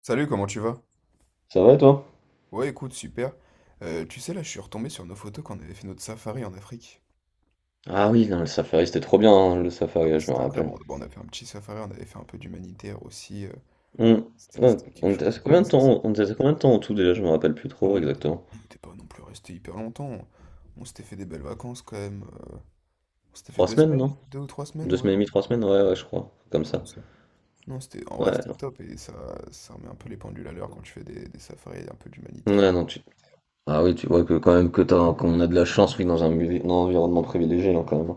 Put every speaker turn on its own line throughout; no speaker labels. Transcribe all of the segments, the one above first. Salut, comment tu vas?
Ça va toi?
Ouais, écoute, super. Tu sais, là, je suis retombé sur nos photos quand on avait fait notre safari en Afrique.
Ah oui, non, le Safari c'était trop bien, hein, le
Ah, mais
Safari, je me
c'était incroyable.
rappelle.
Bon, on a fait un petit safari, on avait fait un peu d'humanitaire aussi.
On,
C'était
ouais,
c'était quelque
on était
chose
à
de
combien
dingue.
de
Ça, ça.
temps, on était à combien de temps en tout déjà, je me rappelle plus
Ouais,
trop
on n'était
exactement.
on n'était pas non plus resté hyper longtemps. On s'était fait des belles vacances quand même. On s'était fait
Trois semaines, non?
deux ou trois semaines,
Deux
ouais.
semaines et demie, trois semaines, ouais, ouais, je crois. Comme
C'était
ça.
ça. Non, en vrai,
Ouais,
c'était
non.
top et ça remet un peu les pendules à l'heure quand tu fais des safaris un peu d'humanitaire.
Ouais, non, tu... Ah oui, tu vois que quand même que t'as, qu'on a de la chance, oui, dans un environnement privilégié, là, quand même.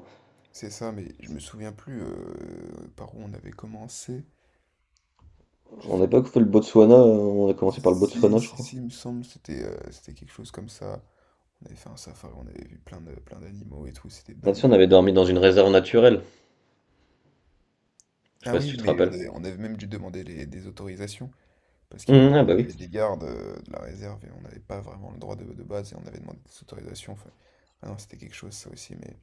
C'est ça, mais je me souviens plus par où on avait commencé.
On n'a pas fait le Botswana, on a commencé par le
Si,
Botswana, je
si,
crois.
si, il me semble, c'était quelque chose comme ça. On avait fait un safari, on avait vu plein d'animaux et tout, c'était
Là-dessus,
dingue.
on avait dormi dans une réserve naturelle. Je sais
Ah
pas si
oui,
tu te
mais
rappelles.
on avait même dû demander des autorisations, parce qu'il y avait
Ah bah
il y
oui.
avait des gardes de la réserve et on n'avait pas vraiment le droit de base et on avait demandé des autorisations. Enfin, ah non, c'était quelque chose ça aussi, mais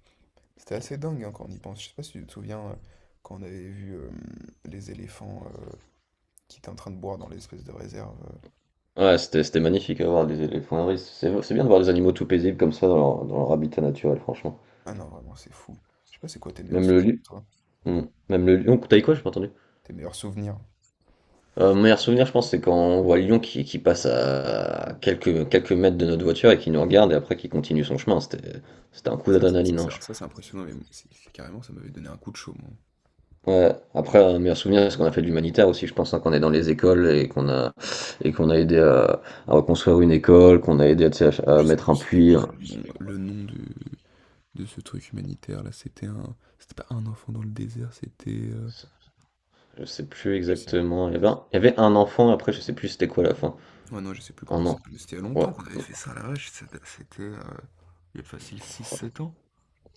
c'était assez dingue hein, quand on y pense. Je sais pas si tu te souviens quand on avait vu les éléphants qui étaient en train de boire dans l'espèce de réserve.
Ouais, c'était magnifique à voir les éléphants à risque. C'est bien de voir des animaux tout paisibles comme ça dans leur habitat naturel, franchement.
Ah non, vraiment, c'est fou. Je sais pas c'est quoi tes meilleurs
Même le
souvenirs,
lion.
toi?
Hmm. Même le lion. T'as dit quoi, j'ai pas entendu?
Tes meilleurs souvenirs.
Mon meilleur souvenir, je pense, c'est quand on voit le lion qui passe à quelques mètres de notre voiture et qui nous regarde et après qui continue son chemin. C'était un coup
Ça, ça, ça,
d'adrénaline, hein,
ça-
je trouve.
ça, c'est impressionnant, mais c'est carrément, ça m'avait donné un coup de chaud, moi.
Ouais, après, un meilleur souvenir, c'est qu'on a fait de l'humanitaire aussi, je pense, hein, qu'on est dans les écoles et qu'on a aidé à reconstruire une école, qu'on a aidé tu sais, à
Je sais
mettre
plus
un
c'était
puits.
quoi
Hein.
le nom, de ce truc humanitaire, là. C'était un... C'était pas un enfant dans le désert,
Je sais plus
Je sais...
exactement. Il y avait un enfant, après je sais plus c'était quoi la fin.
Ouais, non, je sais plus comment
Un
ça
an.
s'appelle. Mais c'était il y a
Ouais.
longtemps qu'on avait fait ça, la vache. Il y a facile six
Ça-
sept ans.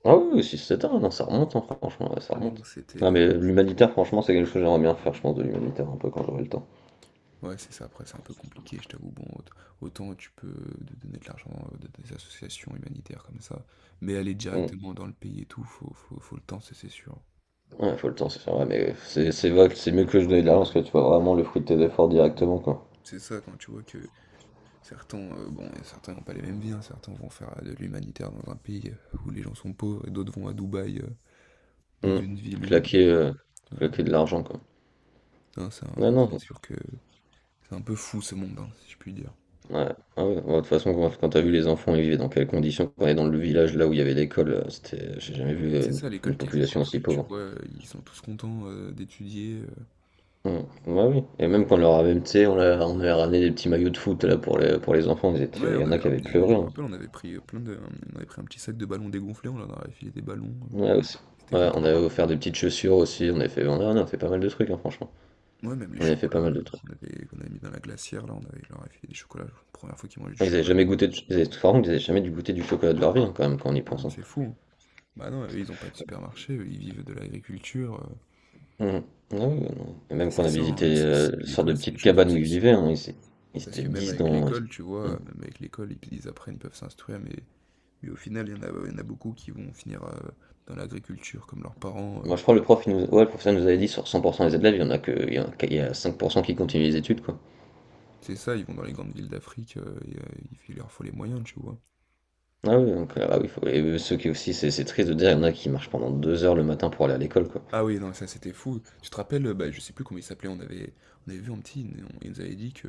Ah oui, 6-7 ans, non, ça remonte, hein, franchement, ouais, ça
Oui, non,
remonte.
c'était...
Ah
euh,
mais l'humanitaire, franchement, c'est quelque chose que j'aimerais bien faire, je pense, de l'humanitaire un peu quand j'aurai le temps.
Ouais, c'est ça. Après, c'est un peu compliqué, je t'avoue. Bon, autant tu peux donner de l'argent à des associations humanitaires comme ça, mais aller
Mm.
directement dans le pays et tout, faut le temps, c'est sûr.
Ouais, faut le temps, c'est sûr, ouais, mais c'est vrai que c'est mieux que je donne de l'argent parce que tu vois vraiment le fruit de tes efforts directement, quoi.
C'est ça, quand tu vois que Certains, bon, et certains n'ont pas les mêmes vies, hein. Certains vont faire de l'humanitaire dans un pays où les gens sont pauvres, et d'autres vont à Dubaï, dans
Mm.
une ville où...
Claquer, euh,
Ouais, non.
claquer de l'argent, quoi. Non, non,
C'est sûr que c'est un peu fou ce monde, hein, si je puis dire.
ouais. Ah ouais, ouais, de toute façon, quand t'as vu les enfants, ils vivaient dans quelles conditions, quand on est dans le village là où il y avait l'école, c'était, j'ai jamais vu
C'est
une,
ça, l'école
une
qui a été
population aussi
construite, tu
pauvre.
vois, ils sont tous contents d'étudier.
Mm. Ouais, oui. Et même quand on leur avait, tu sais, on avait ramené des petits maillots de foot là pour les enfants,
Ouais,
il y
on
en a
avait
qui avaient
ramené, mais je
pleuré.
me
Hein.
rappelle, on avait pris plein de... On avait pris un petit sac de ballons dégonflés, on leur avait filé des ballons,
Ouais, aussi.
c'était
Ouais, on
content.
avait offert des petites chaussures aussi, on avait fait, on a fait pas mal de trucs, hein, franchement.
Ouais, même les
On avait fait pas
chocolats
mal de
euh,
trucs.
qu'on avait mis dans la glacière, là, on avait leur avait filé des chocolats, première fois qu'ils mangeaient du chocolat.
Par contre, ils avaient jamais dû goûter du chocolat de leur vie, hein, quand même, quand on y
Ah,
pense. Hein.
c'est fou, hein. Bah non, eux, ils n'ont pas de supermarché, eux, ils vivent de l'agriculture.
Mm. Ah oui, ouais, non. Et
Et
même quand on
c'est
a
ça, hein,
visité une sorte de
l'école, c'est une
petite
chance
cabane où
aussi.
ils
aussi.
vivaient, hein, ils
Parce
étaient
que même
10
avec
dans.
l'école, tu
Mm.
vois, même avec l'école, ils apprennent, ils peuvent s'instruire, mais au final, il y en a beaucoup qui vont finir dans l'agriculture, comme leurs parents.
Moi, je crois que le professeur nous avait dit sur 100% des élèves, il y en a que, il y en a, il y a 5% qui continuent les études, quoi.
C'est ça, ils vont dans les grandes villes d'Afrique, et il leur faut les moyens, tu vois.
Ah oui, donc, ah oui, et ceux qui aussi, c'est triste de dire, il y en a qui marchent pendant 2 heures le matin pour aller à l'école, quoi.
Ah oui, non, ça c'était fou. Tu te rappelles, bah, je sais plus comment il s'appelait, on avait vu un petit, il nous avait dit que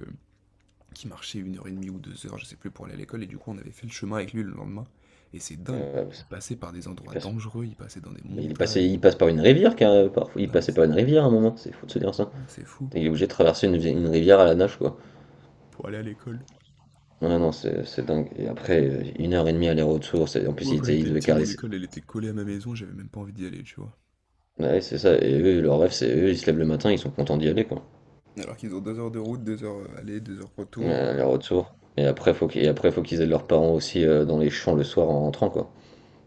qui marchait une heure et demie ou deux heures, je sais plus, pour aller à l'école, et du coup on avait fait le chemin avec lui le lendemain, et c'est dingue.
Euh,
Il passait par des
il
endroits
passe,
dangereux, il passait dans des
il est passé-
montagnes.
il passe par une rivière, car, parfois, il
Non mais
passait par
c'est,
une rivière à un moment, c'est fou de se dire ça.
c'est fou,
Il est obligé de traverser une rivière à la nage, quoi.
pour aller à l'école.
Ouais, non, c'est dingue. Et après, une heure et demie aller-retour, en plus,
Moi quand
ils
j'étais
devaient
petit, mon
caler.
école elle était collée à ma maison, j'avais même pas envie d'y aller, tu vois.
Ouais, c'est ça, et eux, leur rêve, c'est eux, ils se lèvent le matin, ils sont contents d'y aller, quoi.
Alors qu'ils ont deux heures de route, deux heures aller, deux heures
Ouais,
retour,
aller-retour. Et après, faut qu'ils aident leurs parents aussi dans les champs le soir en rentrant, quoi.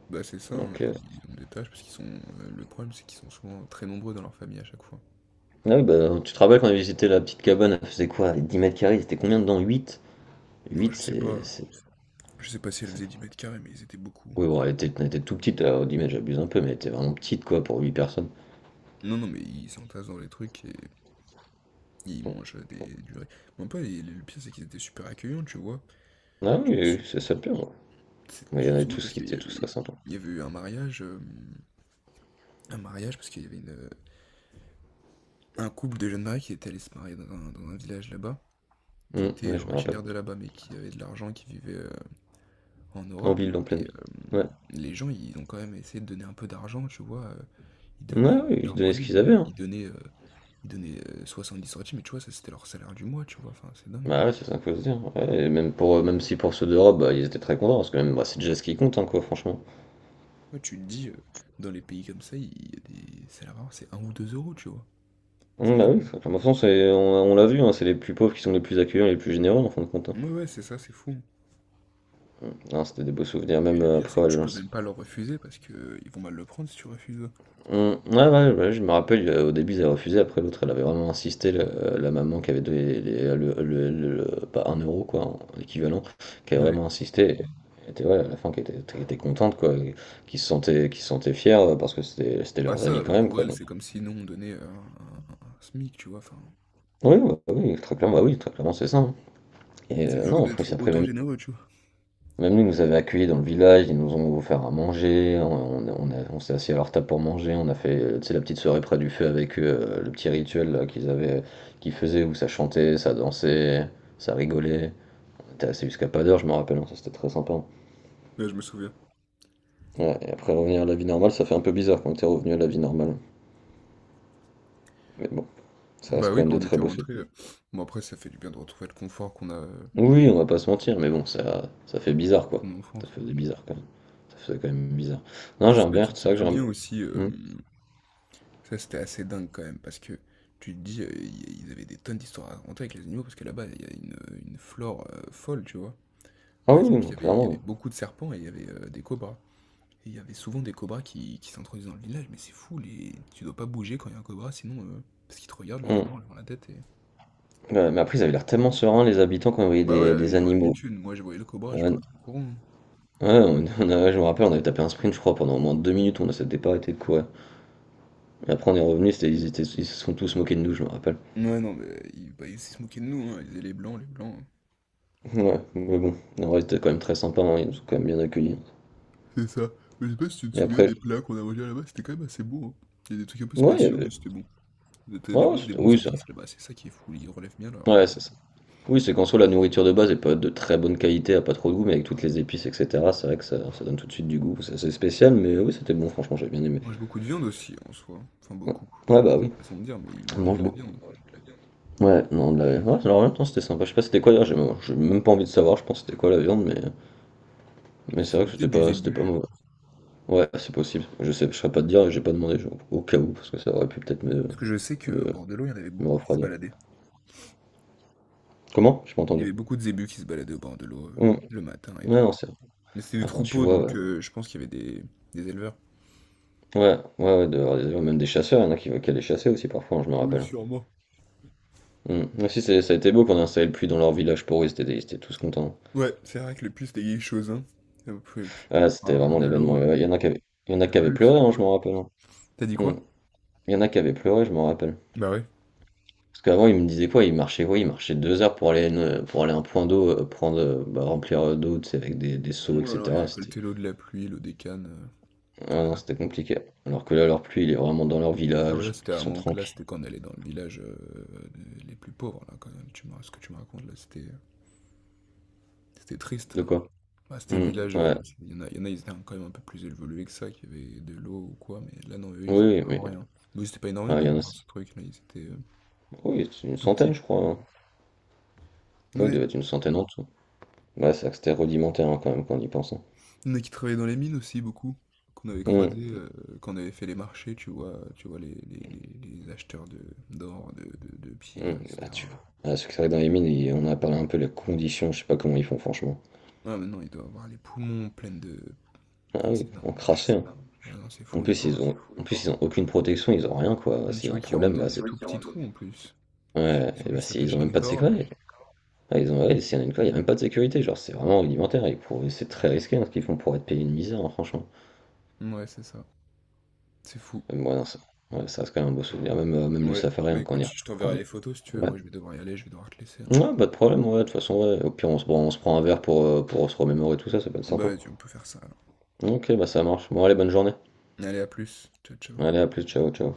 bah c'est ça, hein,
Donc, euh,
ils ont des tâches parce qu'ils sont. Le problème c'est qu'ils sont souvent très nombreux dans leur famille à chaque fois.
Ah oui, bah, tu te rappelles quand on avait visité la petite cabane, elle faisait quoi? 10 mètres carrés, c'était combien dedans? huit
Non,
huit c'est. c'est-
je sais pas si elle
ça-
faisait 10 mètres carrés, mais ils étaient beaucoup.
Oui, bon, elle était tout petite, alors 10 mètres, j'abuse un peu, mais elle était vraiment petite, quoi, pour 8 personnes.
Non, non, mais ils s'entassent dans les trucs et ils
Bon.
mangent du riz. Mais en plus, le pire, c'est qu'ils étaient super accueillants, tu vois.
Ah
Je
oui,
me
oui,
sou-
oui, c'est ça le pire, ouais.
c'est
Mais il y en avait
justement
tous,
parce
ils
qu'
étaient tous très sympas.
il y avait eu un mariage parce qu'il y avait une, un couple de jeunes mariés qui était allé se marier dans un village là-bas, qui était
Ouais, je me rappelle.
originaire de là-bas, mais qui avait de l'argent, qui vivait en
En
Europe.
ville, en pleine
Et
ville. Ouais.
les gens, ils ont quand même essayé de donner un peu d'argent, tu vois. Ils
Ouais,
donnaient
oui,
de
ils
leur
donnaient ce
monnaie, mais
qu'ils
ils
avaient,
don-
hein.
ils donnaient, euh, ils donnaient, euh, dix centimes, mais tu vois, ça c'était leur salaire du mois, tu vois. Enfin, c'est dingue.
Bah ouais, c'est ça qu'il faut se dire. Ouais, et même pour, même si pour ceux d'Europe, bah, ils étaient très contents, parce que même, bah, c'est déjà ce qui compte, hein, quoi, franchement.
Ouais, tu te dis, dans les pays comme ça, il y a des salaires vraiment, c'est un ou 2 euros tu vois? C'est
Bah oui,
dingue,
de toute façon, on l'a vu, hein, c'est les plus pauvres qui sont les plus accueillants, les plus généreux, en fin de compte. Hein.
hein. Ouais, ouais, c'est ça, c'est fou, hein,
Non, c'était des beaux souvenirs,
et
même
le pire, c'est
après
que
à
tu peux
l'agence.
même pas leur refuser parce que ils vont mal le prendre si tu refuses.
Ouais, ouais, ouais, je me rappelle, au début ils avaient refusé, après l'autre elle avait vraiment insisté, la maman qui avait donné pas un euro quoi, l'équivalent, qui avait
Ouais.
vraiment insisté, et elle était, ouais, à la fin qui était contente quoi, et qui se sentait fière parce que c'était
Bah,
leurs amis
ça,
quand même
pour
quoi.
elle
Donc,
c'est comme si nous, on donnait un SMIC, tu vois? Enfin,
oui, ouais, oui, très clairement, bah oui, très clairement c'est ça. Hein. Et
c'est fou
non, en plus
d'être
après
autant
même.
généreux, tu vois?
Même nous, ils nous avaient accueillis dans le village, ils nous ont offert à manger, on s'est assis à leur table pour manger, tu sais la petite soirée près du feu avec eux, le petit rituel là qu'ils faisaient où ça chantait, ça dansait, ça rigolait. On était resté jusqu'à pas d'heure, je me rappelle, hein, ça c'était très sympa, hein.
Ouais, je me souviens.
Ouais et après revenir à la vie normale, ça fait un peu bizarre quand tu es revenu à la vie normale, mais bon, ça
Bah
reste quand
oui,
même
quand
des
on
très
était
beaux
rentrés,
souvenirs.
bon, après, ça fait du bien de retrouver le confort qu'on a,
Oui, on va pas se mentir, mais bon ça fait bizarre quoi,
qu'on a en
ça
France,
faisait bizarre quand même, ça faisait quand même bizarre. Non,
mais je sais
j'aime
pas
bien,
si
c'est
tu
ça.
te
Que j'aime
souviens aussi,
mmh.
ça, c'était assez dingue quand même, parce que tu te dis, ils avaient des tonnes d'histoires à raconter avec les animaux, parce que là-bas, il y a une flore folle, tu vois.
Ah
Par
oui,
exemple,
oui,
il y
clairement,
avait
oui.
beaucoup de serpents et il y avait des cobras. Et il y avait souvent des cobras qui s'introduisent dans le village, mais c'est fou, les... tu dois pas bouger quand il y a un cobra, sinon, parce qu'ils te regardent, le
Mmh.
cobra en levant la tête et...
Ouais, mais après, ils avaient l'air tellement sereins, les habitants, quand ils voyaient
Bah
des,
ouais,
des
ils ont
animaux.
l'habitude, moi je voyais le cobra, je
Ouais, ouais,
partais en courant, hein.
je me rappelle, on avait tapé un sprint, je crois, pendant au moins 2 minutes, on ne s'était pas arrêté de courir. Et après, on est revenu, ils se sont tous moqués de nous, je me rappelle.
Ouais, non, mais bah, ils se moquaient de nous, hein. Ils disaient les blancs, les blancs, hein.
Ouais, mais bon, en vrai, c'était quand même très sympa, hein, ils nous ont quand même bien accueillis.
C'est ça. Mais je sais pas si tu te
Et
souviens
après,
des plats qu'on a mangés là-bas, c'était quand même assez bon, hein. Il y a des trucs un peu
ouais, il y
spéciaux, mais
avait.
c'était bon. Vous êtes,
Ouais,
des
ouais,
bons des bons
oui, c'est
épices là-bas, c'est ça qui est fou, ils relèvent bien leur,
ouais, c'est ça. Oui, c'est qu'en soi, la nourriture de base est pas de très bonne qualité, a pas trop de goût, mais avec toutes les épices, etc., c'est vrai que ça donne tout de suite du goût. C'est assez spécial, mais oui, c'était bon, franchement, j'ai bien aimé.
ils mangent beaucoup de viande aussi en soi, enfin
Ouais,
beaucoup,
ouais, bah oui,
façon de dire, mais ils
on
mangent
mange
de la
beaucoup.
viande.
Ouais, non, ouais, alors en même temps c'était sympa. Je sais pas c'était quoi d'ailleurs, j'ai même pas envie de savoir, je pense c'était quoi la viande, mais c'est vrai
C'était
que c'était
peut-être du
pas, c'était pas
zébu,
mauvais. Ouais, c'est possible. Je saurais pas te dire, j'ai pas demandé au cas où, parce que ça aurait pu peut-être
parce que je sais qu'au
me...
bord de l'eau, il y en avait
me
beaucoup qui se
refroidir.
baladaient.
Comment? J'ai pas
Il y
entendu.
avait beaucoup de zébus qui se baladaient au bord de l'eau,
Mm. Ouais,
le matin et tout.
non,
Mais c'était des
quand tu
troupeaux
vois,
donc
ouais,
je pense qu'il y avait des éleveurs.
ouais, ouais, ouais, d'avoir des même des chasseurs, il y en a qui allaient chasser aussi parfois, hein, je me
Oui,
rappelle.
sûrement.
Mm. Mais si, ça a été beau qu'on a installé le puits dans leur village pour eux, ils étaient tous contents.
Ouais, c'est vrai que les puces, c'était quelque chose, hein. P p
Ah,
Pour
c'était
avoir
vraiment
de
l'événement.
l'eau,
Ouais, Il y en a
c'est un
qui avaient
luxe
pleuré, hein,
pour
je me
eux.
rappelle. Hein.
Tu dit quoi?
Mm. Il y en a qui avaient pleuré, je me rappelle.
Bah ouais.
Parce qu'avant, il me disait quoi? Il marchait quoi? Il marchait 2 heures pour aller, pour aller à un point d'eau, prendre, bah, remplir d'eau, tu sais, avec des seaux,
Ouais, alors ils
etc.
récoltaient l'eau de la pluie, l'eau des cannes, tout
Ah
ça.
non, c'était compliqué. Alors que là, leur pluie, il est vraiment dans leur
Ah bah là,
village,
c'était
ils
à
sont
mon là,
tranquilles.
c'était quand on allait dans le village les plus pauvres, là, quand même. Ce que tu me racontes, là, c'était triste, là.
De quoi?
Bah, c'était le
Hmm,
village,
ouais.
euh, il y en a, ils étaient quand même un peu plus évolués que ça, qui avaient de l'eau ou quoi, mais là, non, eux,
Oui,
ils avaient
oui,
vraiment
mais
rien. Mais c'était pas
ouais, il
énormément
y en a.
dans ce truc, là, ils étaient
Oui, c'est une
tout
centaine,
petits.
je crois. Hein. Ouais, il
Ouais,
devait être une centaine en tout. Ouais, c'est vrai que c'était rudimentaire hein, quand même quand on y pense. Hein.
il y en a qui travaillaient dans les mines aussi, beaucoup, qu'on avait
Hum,
croisé, quand on avait fait les marchés, tu vois, les acheteurs d'or, de pierres,
bah, tu
etc.
vois. Ah, parce que c'est vrai que dans les mines, on a parlé un peu des conditions, je sais pas comment ils font franchement.
Ah, mais non, il doit avoir les poumons pleins de,
Ah
ah,
oui,
c'est dingue. je-
encrassé, hein.
Ouais, non, c'est
En
fou, les
plus, ils
pauvres.
ont, en plus, ils ont aucune protection, ils ont rien, quoi. S'il
Tu
y a
vois
un
qu'ils
problème,
rentrent
ouais,
dans
bah,
des
c'est.
tout petits trous en
des...
plus.
Ouais,
Ils sont
et bah,
juste
si, ils ont
attachés à
même
une
pas de
corde et...
sécurité. Ah, ils ont, ouais, s'il y en a une quoi, il y a même pas de sécurité. Genre, c'est vraiment rudimentaire. Et c'est très risqué hein, ce qu'ils font pour être payés une misère, hein, franchement.
Ouais, c'est ça. C'est fou.
Même moi, non, ça, ouais, ça reste quand même un beau souvenir. Même, même le
Ouais,
safari,
mais
hein,
écoute, je
quand
t'enverrai
on
les
y-
photos si tu veux.
Ouais.
Moi, je vais devoir y aller, je vais devoir te laisser là.
Ouais, pas de problème, ouais, de toute façon, ouais. Au pire, on se prend un verre pour se remémorer tout ça, ça peut être
Bah,
sympa.
vas-y, on peut faire ça alors.
Ok, bah ça marche. Bon, allez, bonne journée.
Allez, à plus. Ciao, ciao.
Allez, à plus, ciao, ciao.